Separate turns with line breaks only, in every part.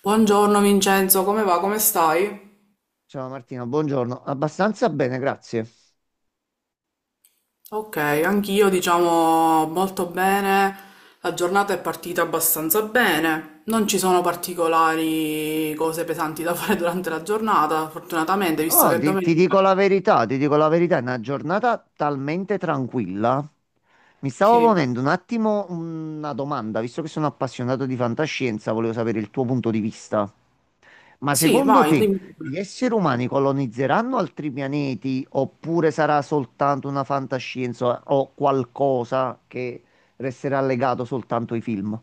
Buongiorno Vincenzo, come va? Come stai?
Ciao Martino, buongiorno. Abbastanza bene, grazie.
Ok, anch'io diciamo molto bene, la giornata è partita abbastanza bene, non ci sono particolari cose pesanti da fare durante la giornata, fortunatamente, visto
Oh,
che è
ti
domenica.
dico la verità, ti dico la verità, è una giornata talmente tranquilla. Mi stavo
Sì,
ponendo un attimo una domanda, visto che sono appassionato di fantascienza, volevo sapere il tuo punto di vista. Ma
sì,
secondo
vai,
te
dimmi.
gli esseri umani colonizzeranno altri pianeti oppure sarà soltanto una fantascienza o qualcosa che resterà legato soltanto ai film?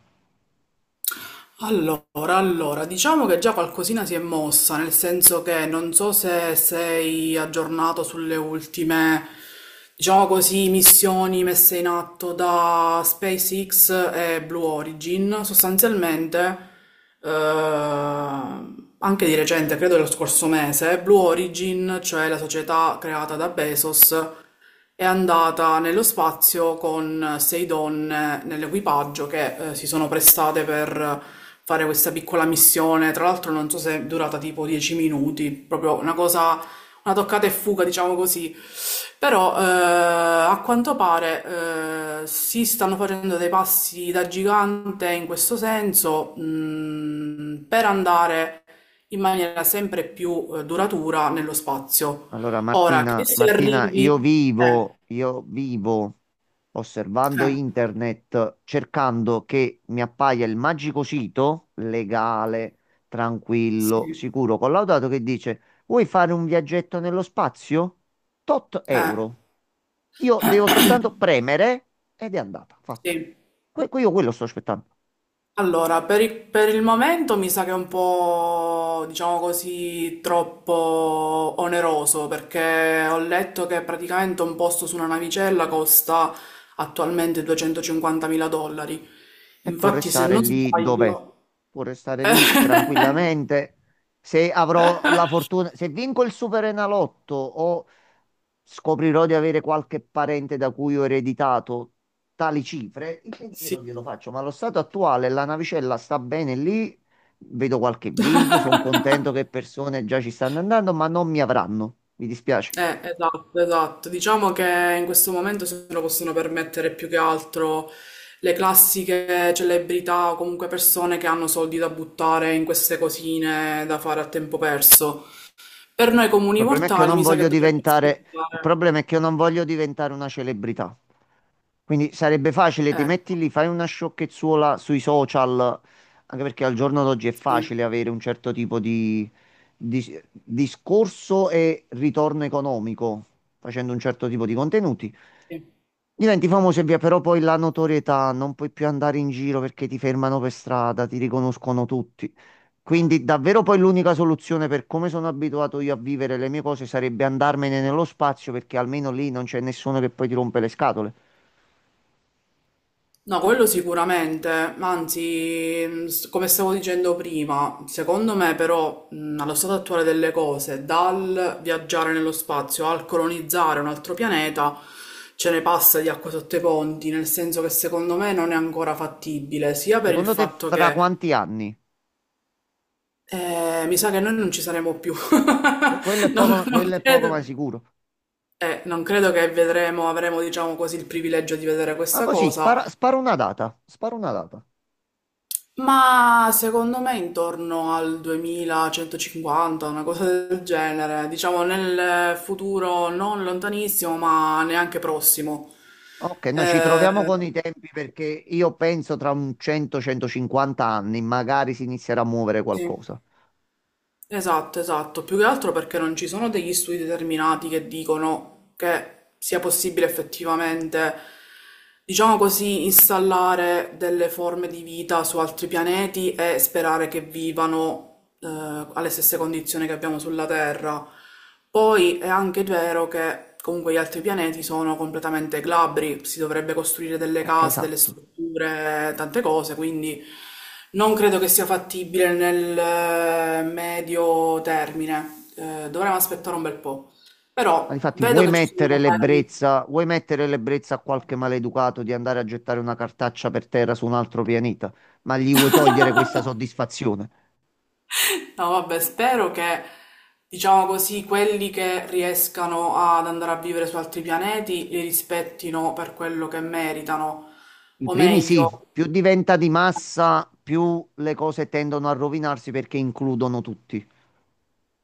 Allora, allora, diciamo che già qualcosina si è mossa, nel senso che non so se sei aggiornato sulle ultime, diciamo così, missioni messe in atto da SpaceX e Blue Origin. Sostanzialmente, eh, anche di recente, credo dello scorso mese, Blue Origin, cioè la società creata da Bezos, è andata nello spazio con sei donne nell'equipaggio che si sono prestate per fare questa piccola missione. Tra l'altro, non so se è durata tipo 10 minuti, proprio una cosa, una toccata e fuga, diciamo così. Però a quanto pare si stanno facendo dei passi da gigante in questo senso, per andare in maniera sempre più duratura nello spazio.
Allora,
Ora, che
Martina,
se
Martina, io
arrivi, eh,
vivo, io vivo osservando
eh,
internet, cercando che mi appaia il magico sito legale, tranquillo,
sì,
sicuro, collaudato che dice: vuoi fare un viaggetto nello spazio? Tot
eh,
euro. Io devo soltanto premere ed è andata, fatta.
sì.
Io quello sto aspettando.
Allora, per il momento mi sa che è un po', diciamo così, troppo oneroso perché ho letto che praticamente un posto su una navicella costa attualmente 250.000 dollari.
E può
Infatti, se
restare
non
lì dov'è.
sbaglio,
Può restare lì tranquillamente. Se avrò la fortuna, se vinco il Superenalotto o scoprirò di avere qualche parente da cui ho ereditato tali cifre, il pensiero
sì.
glielo faccio. Ma allo stato attuale la navicella sta bene lì. Vedo qualche video, sono contento che persone già ci stanno andando, ma non mi avranno. Mi dispiace.
Esatto, esatto. Diciamo che in questo momento se lo possono permettere più che altro le classiche celebrità o comunque persone che hanno soldi da buttare in queste cosine da fare a tempo perso. Per noi
Il
comuni
problema è che io
mortali
non
mi sa che
voglio
dovremmo
diventare, il
aspettare.
problema è che io non voglio diventare una celebrità. Quindi sarebbe facile, ti
Ecco,
metti lì, fai una sciocchezzuola sui social, anche perché al giorno d'oggi è
sì,
facile avere un certo tipo di, discorso e ritorno economico facendo un certo tipo di contenuti.
sì.
Diventi famoso e via, però poi la notorietà, non puoi più andare in giro perché ti fermano per strada, ti riconoscono tutti. Quindi davvero poi l'unica soluzione per come sono abituato io a vivere le mie cose sarebbe andarmene nello spazio perché almeno lì non c'è nessuno che poi ti rompe le scatole.
No, quello sicuramente, ma anzi, come stavo dicendo prima, secondo me però, allo stato attuale delle cose, dal viaggiare nello spazio al colonizzare un altro pianeta, ce ne passa di acqua sotto i ponti, nel senso che secondo me non è ancora fattibile, sia per il
Secondo te
fatto
fra
che
quanti anni?
mi sa che noi non ci saremo più.
Quello è
Non,
poco,
non
quello è poco
credo,
ma sicuro.
non credo che vedremo, avremo, diciamo così, il privilegio di vedere
Ma
questa
così,
cosa.
spara, spara una data, spara una data.
Ma secondo me intorno al 2150, una cosa del genere, diciamo nel futuro non lontanissimo, ma neanche prossimo.
Ok, noi ci
Eh,
troviamo con i tempi perché io penso tra un 100-150 anni magari si inizierà a muovere
sì,
qualcosa.
esatto, esatto. Più che altro perché non ci sono degli studi determinati che dicono che sia possibile effettivamente, diciamo così, installare delle forme di vita su altri pianeti e sperare che vivano, eh, alle stesse condizioni che abbiamo sulla Terra. Poi è anche vero che comunque gli altri pianeti sono completamente glabri, si dovrebbe costruire delle case, delle
Esatto.
strutture, tante cose, quindi non credo che sia fattibile nel medio termine. Dovremmo aspettare un bel po'.
Ma
Però
difatti
vedo che ci sono magari...
vuoi mettere l'ebbrezza a qualche maleducato di andare a gettare una cartaccia per terra su un altro pianeta, ma gli vuoi togliere questa soddisfazione?
No, vabbè, spero che, diciamo così, quelli che riescano ad andare a vivere su altri pianeti li rispettino per quello che meritano.
I
O
primi sì,
meglio,
più diventa di massa, più le cose tendono a rovinarsi perché includono tutti.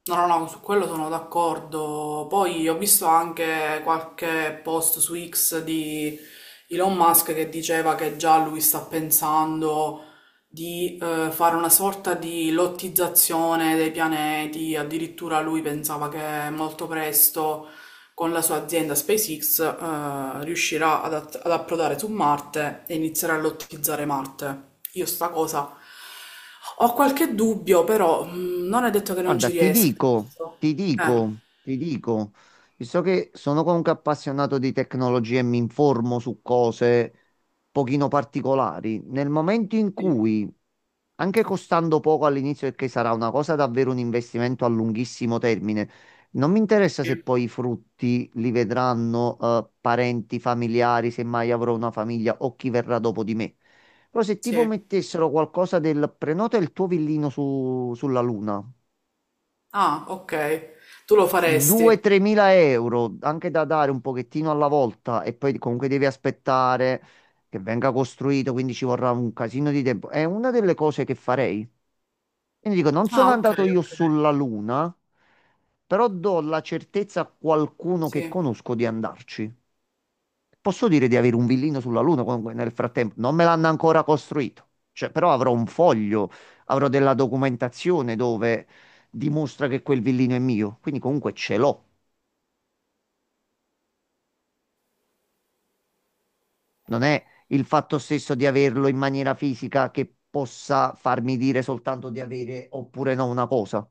no, no, no, su quello sono d'accordo. Poi ho visto anche qualche post su X di Elon Musk che diceva che già lui sta pensando di fare una sorta di lottizzazione dei pianeti. Addirittura lui pensava che molto presto con la sua azienda SpaceX, riuscirà ad approdare su Marte e inizierà a lottizzare Marte. Io sta cosa ho qualche dubbio, però non è detto che non
Guarda,
ci
ti
riesca.
dico, ti
Eh,
dico, ti dico, visto che sono comunque appassionato di tecnologia e mi informo su cose pochino particolari, nel momento in cui anche costando poco all'inizio, perché sarà una cosa davvero un investimento a lunghissimo termine. Non mi interessa
sì,
se poi i frutti li vedranno parenti, familiari, se mai avrò una famiglia o chi verrà dopo di me. Però se tipo
sì.
mettessero qualcosa del prenota il tuo villino sulla Luna,
Ah, ok. Tu lo faresti.
2-3 mila euro, anche da dare un pochettino alla volta e poi comunque devi aspettare che venga costruito, quindi ci vorrà un casino di tempo. È una delle cose che farei. Quindi dico, non
Ah,
sono
ok,
andato io
ok.
sulla Luna, però do la certezza a qualcuno che
Sì.
conosco di andarci. Posso dire di avere un villino sulla Luna, comunque nel frattempo non me l'hanno ancora costruito, cioè, però avrò un foglio, avrò della documentazione dove dimostra che quel villino è mio, quindi comunque ce l'ho. Non è il fatto stesso di averlo in maniera fisica che possa farmi dire soltanto di avere oppure no una cosa.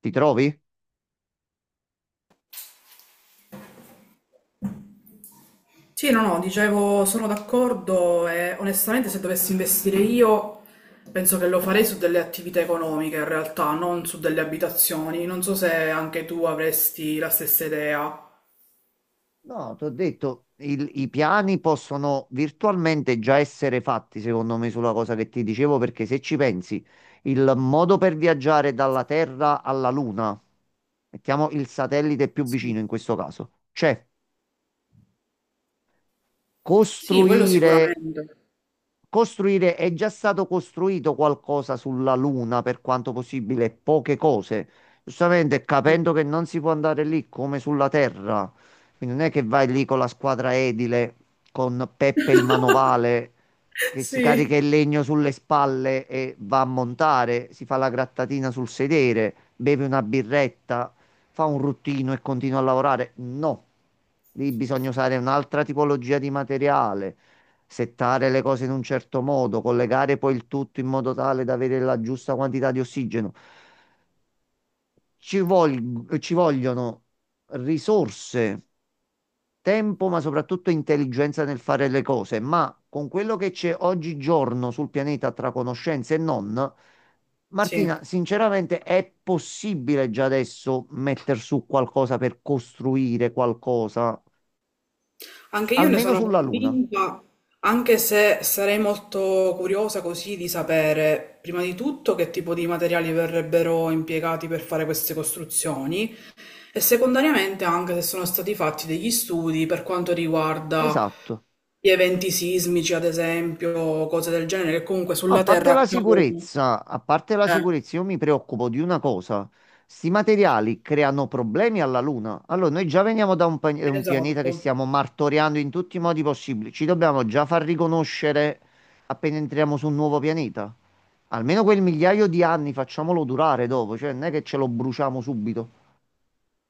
Ti trovi?
Sì, no, no, dicevo, sono d'accordo e onestamente se dovessi investire io penso che lo farei su delle attività economiche in realtà, non su delle abitazioni. Non so se anche tu avresti la stessa idea.
No, ti ho detto, i piani possono virtualmente già essere fatti, secondo me, sulla cosa che ti dicevo, perché se ci pensi, il modo per viaggiare dalla Terra alla Luna, mettiamo il satellite più
Sì,
vicino in questo caso, c'è
sì, quello
costruire
sicuramente.
costruire, è già stato costruito qualcosa sulla Luna per quanto possibile, poche cose. Giustamente,
Mm.
capendo che non si può andare lì come sulla Terra, quindi non è che vai lì con la squadra edile, con Peppe il manovale che si carica
Sì,
il legno sulle spalle e va a montare, si fa la grattatina sul sedere, beve una birretta, fa un ruttino e continua a lavorare. No, lì bisogna usare un'altra tipologia di materiale, settare le cose in un certo modo, collegare poi il tutto in modo tale da avere la giusta quantità di ossigeno. Ci vogliono risorse, tempo, ma soprattutto intelligenza nel fare le cose. Ma con quello che c'è oggigiorno sul pianeta tra conoscenze e non,
sì.
Martina, sinceramente è possibile già adesso mettere su qualcosa per costruire qualcosa,
Anche io ne
almeno
sono
sulla Luna.
convinta, anche se sarei molto curiosa così di sapere prima di tutto che tipo di materiali verrebbero impiegati per fare queste costruzioni. E secondariamente anche se sono stati fatti degli studi per quanto riguarda
Esatto.
gli eventi sismici, ad esempio, cose del genere, che comunque
A
sulla
parte
Terra
la
accadono.
sicurezza, a parte la
Eh,
sicurezza, io mi preoccupo di una cosa. Sti materiali creano problemi alla Luna. Allora, noi già veniamo da un pianeta che
esatto.
stiamo martoriando in tutti i modi possibili. Ci dobbiamo già far riconoscere appena entriamo su un nuovo pianeta. Almeno quel migliaio di anni facciamolo durare dopo, cioè non è che ce lo bruciamo subito.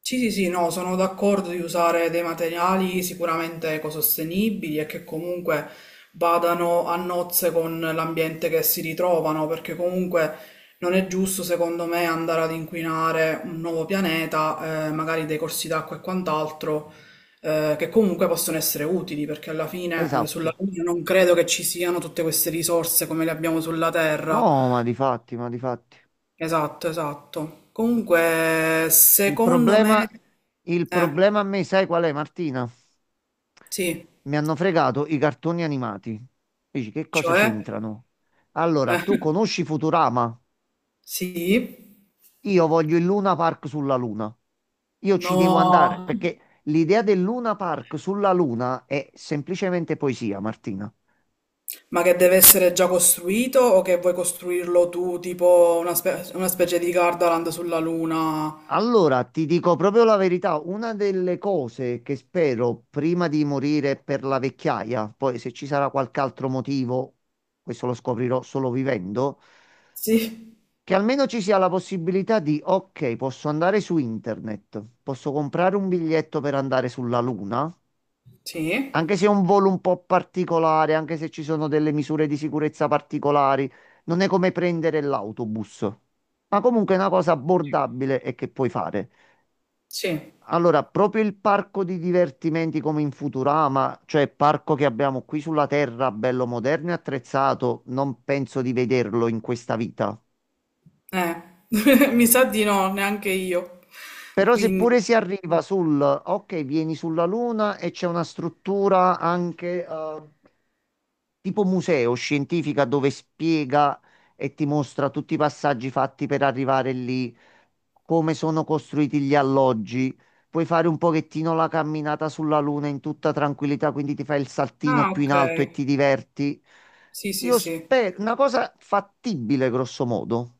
Sì, sì, sì, no, sono d'accordo di usare dei materiali sicuramente ecosostenibili e che comunque vadano a nozze con l'ambiente che si ritrovano, perché comunque non è giusto, secondo me, andare ad inquinare un nuovo pianeta, magari dei corsi d'acqua e quant'altro, che comunque possono essere utili, perché alla fine, sulla
Esatto.
Luna non credo che ci siano tutte queste risorse come le abbiamo sulla Terra.
No, ma di fatti, ma di fatti.
Esatto, esatto. Comunque,
Il
secondo
problema,
me...
il
eh.
problema a me, sai qual è, Martina?
Sì,
Mi hanno fregato i cartoni animati. Dici, che cosa
cioè?
c'entrano? Allora, tu
Eh,
conosci Futurama?
sì?
Io voglio il Luna Park sulla Luna. Io ci devo andare
No,
perché l'idea del Luna Park sulla Luna è semplicemente poesia, Martina.
ma che deve essere già costruito o che vuoi costruirlo tu, tipo una specie di Gardaland sulla Luna?
Allora, ti dico proprio la verità, una delle cose che spero prima di morire per la vecchiaia, poi se ci sarà qualche altro motivo, questo lo scoprirò solo vivendo,
Sì,
che almeno ci sia la possibilità di, ok, posso andare su internet, posso comprare un biglietto per andare sulla Luna,
sì,
anche se è un volo un po' particolare, anche se ci sono delle misure di sicurezza particolari, non è come prendere l'autobus, ma comunque è una cosa abbordabile e che puoi fare.
sì,
Allora, proprio il parco di divertimenti come in Futurama, cioè il parco che abbiamo qui sulla Terra, bello moderno e attrezzato, non penso di vederlo in questa vita.
eh, mi sa di no, neanche io.
Però seppure si
Quindi,
arriva sul, ok, vieni sulla Luna e c'è una struttura anche tipo museo scientifica dove spiega e ti mostra tutti i passaggi fatti per arrivare lì, come sono costruiti gli alloggi. Puoi fare un pochettino la camminata sulla Luna in tutta tranquillità, quindi ti fai il saltino
ah,
più
ok,
in alto e ti diverti.
sì, sì,
Io
sì.
spero, una cosa fattibile, grosso modo.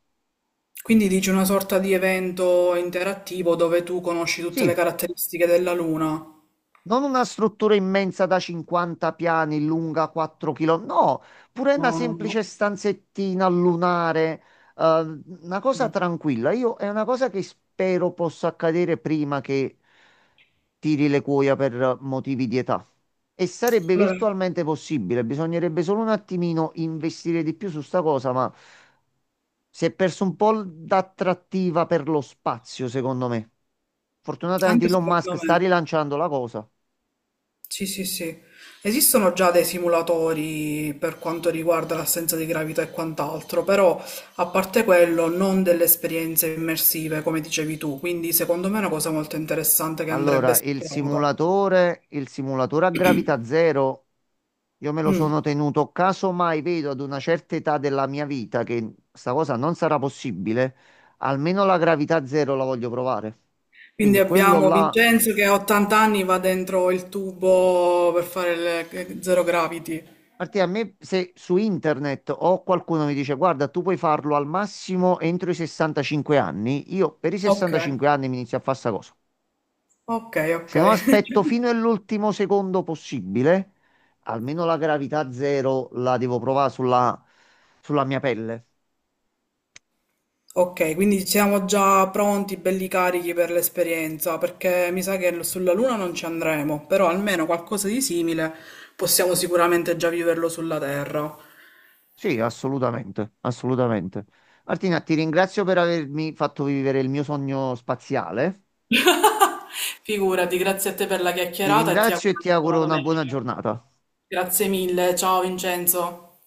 Quindi dici una sorta di evento interattivo dove tu conosci tutte le
Sì.
caratteristiche della Luna?
Non una struttura immensa da 50 piani, lunga 4 km, no, pure una
No, no, no.
semplice stanzettina lunare, una cosa
Mm.
tranquilla. Io è una cosa che spero possa accadere prima che tiri le cuoia per motivi di età. E sarebbe
Allora,
virtualmente possibile, bisognerebbe solo un attimino investire di più su sta cosa, ma si è perso un po' d'attrattiva per lo spazio, secondo me. Fortunatamente
anche
Elon
secondo
Musk sta
me.
rilanciando la cosa.
Sì, sì, sì. Esistono già dei simulatori per quanto riguarda l'assenza di gravità e quant'altro, però a parte quello non delle esperienze immersive come dicevi tu, quindi secondo me è una cosa molto interessante che andrebbe
Allora, il
esplorata.
simulatore, il simulatore a gravità zero, io me lo
Mm.
sono tenuto caso mai vedo ad una certa età della mia vita che sta cosa non sarà possibile, almeno la gravità zero la voglio provare.
Quindi
Quindi quello
abbiamo
là,
Vincenzo che a 80 anni va dentro il tubo per fare il zero gravity.
perché a me se su internet o qualcuno mi dice guarda, tu puoi farlo al massimo entro i 65 anni, io per i
Ok,
65 anni mi inizio a fare sta cosa.
ok, ok.
Se no aspetto fino all'ultimo secondo possibile, almeno la gravità zero la devo provare sulla mia pelle.
Ok, quindi siamo già pronti, belli carichi per l'esperienza, perché mi sa che sulla Luna non ci andremo, però almeno qualcosa di simile possiamo sicuramente già viverlo sulla Terra.
Sì, assolutamente, assolutamente. Martina, ti ringrazio per avermi fatto vivere il mio sogno spaziale.
Figurati, grazie a te per la
Ti
chiacchierata e ti
ringrazio
auguro
e ti
una buona
auguro una buona
domenica.
giornata.
Grazie mille, ciao Vincenzo.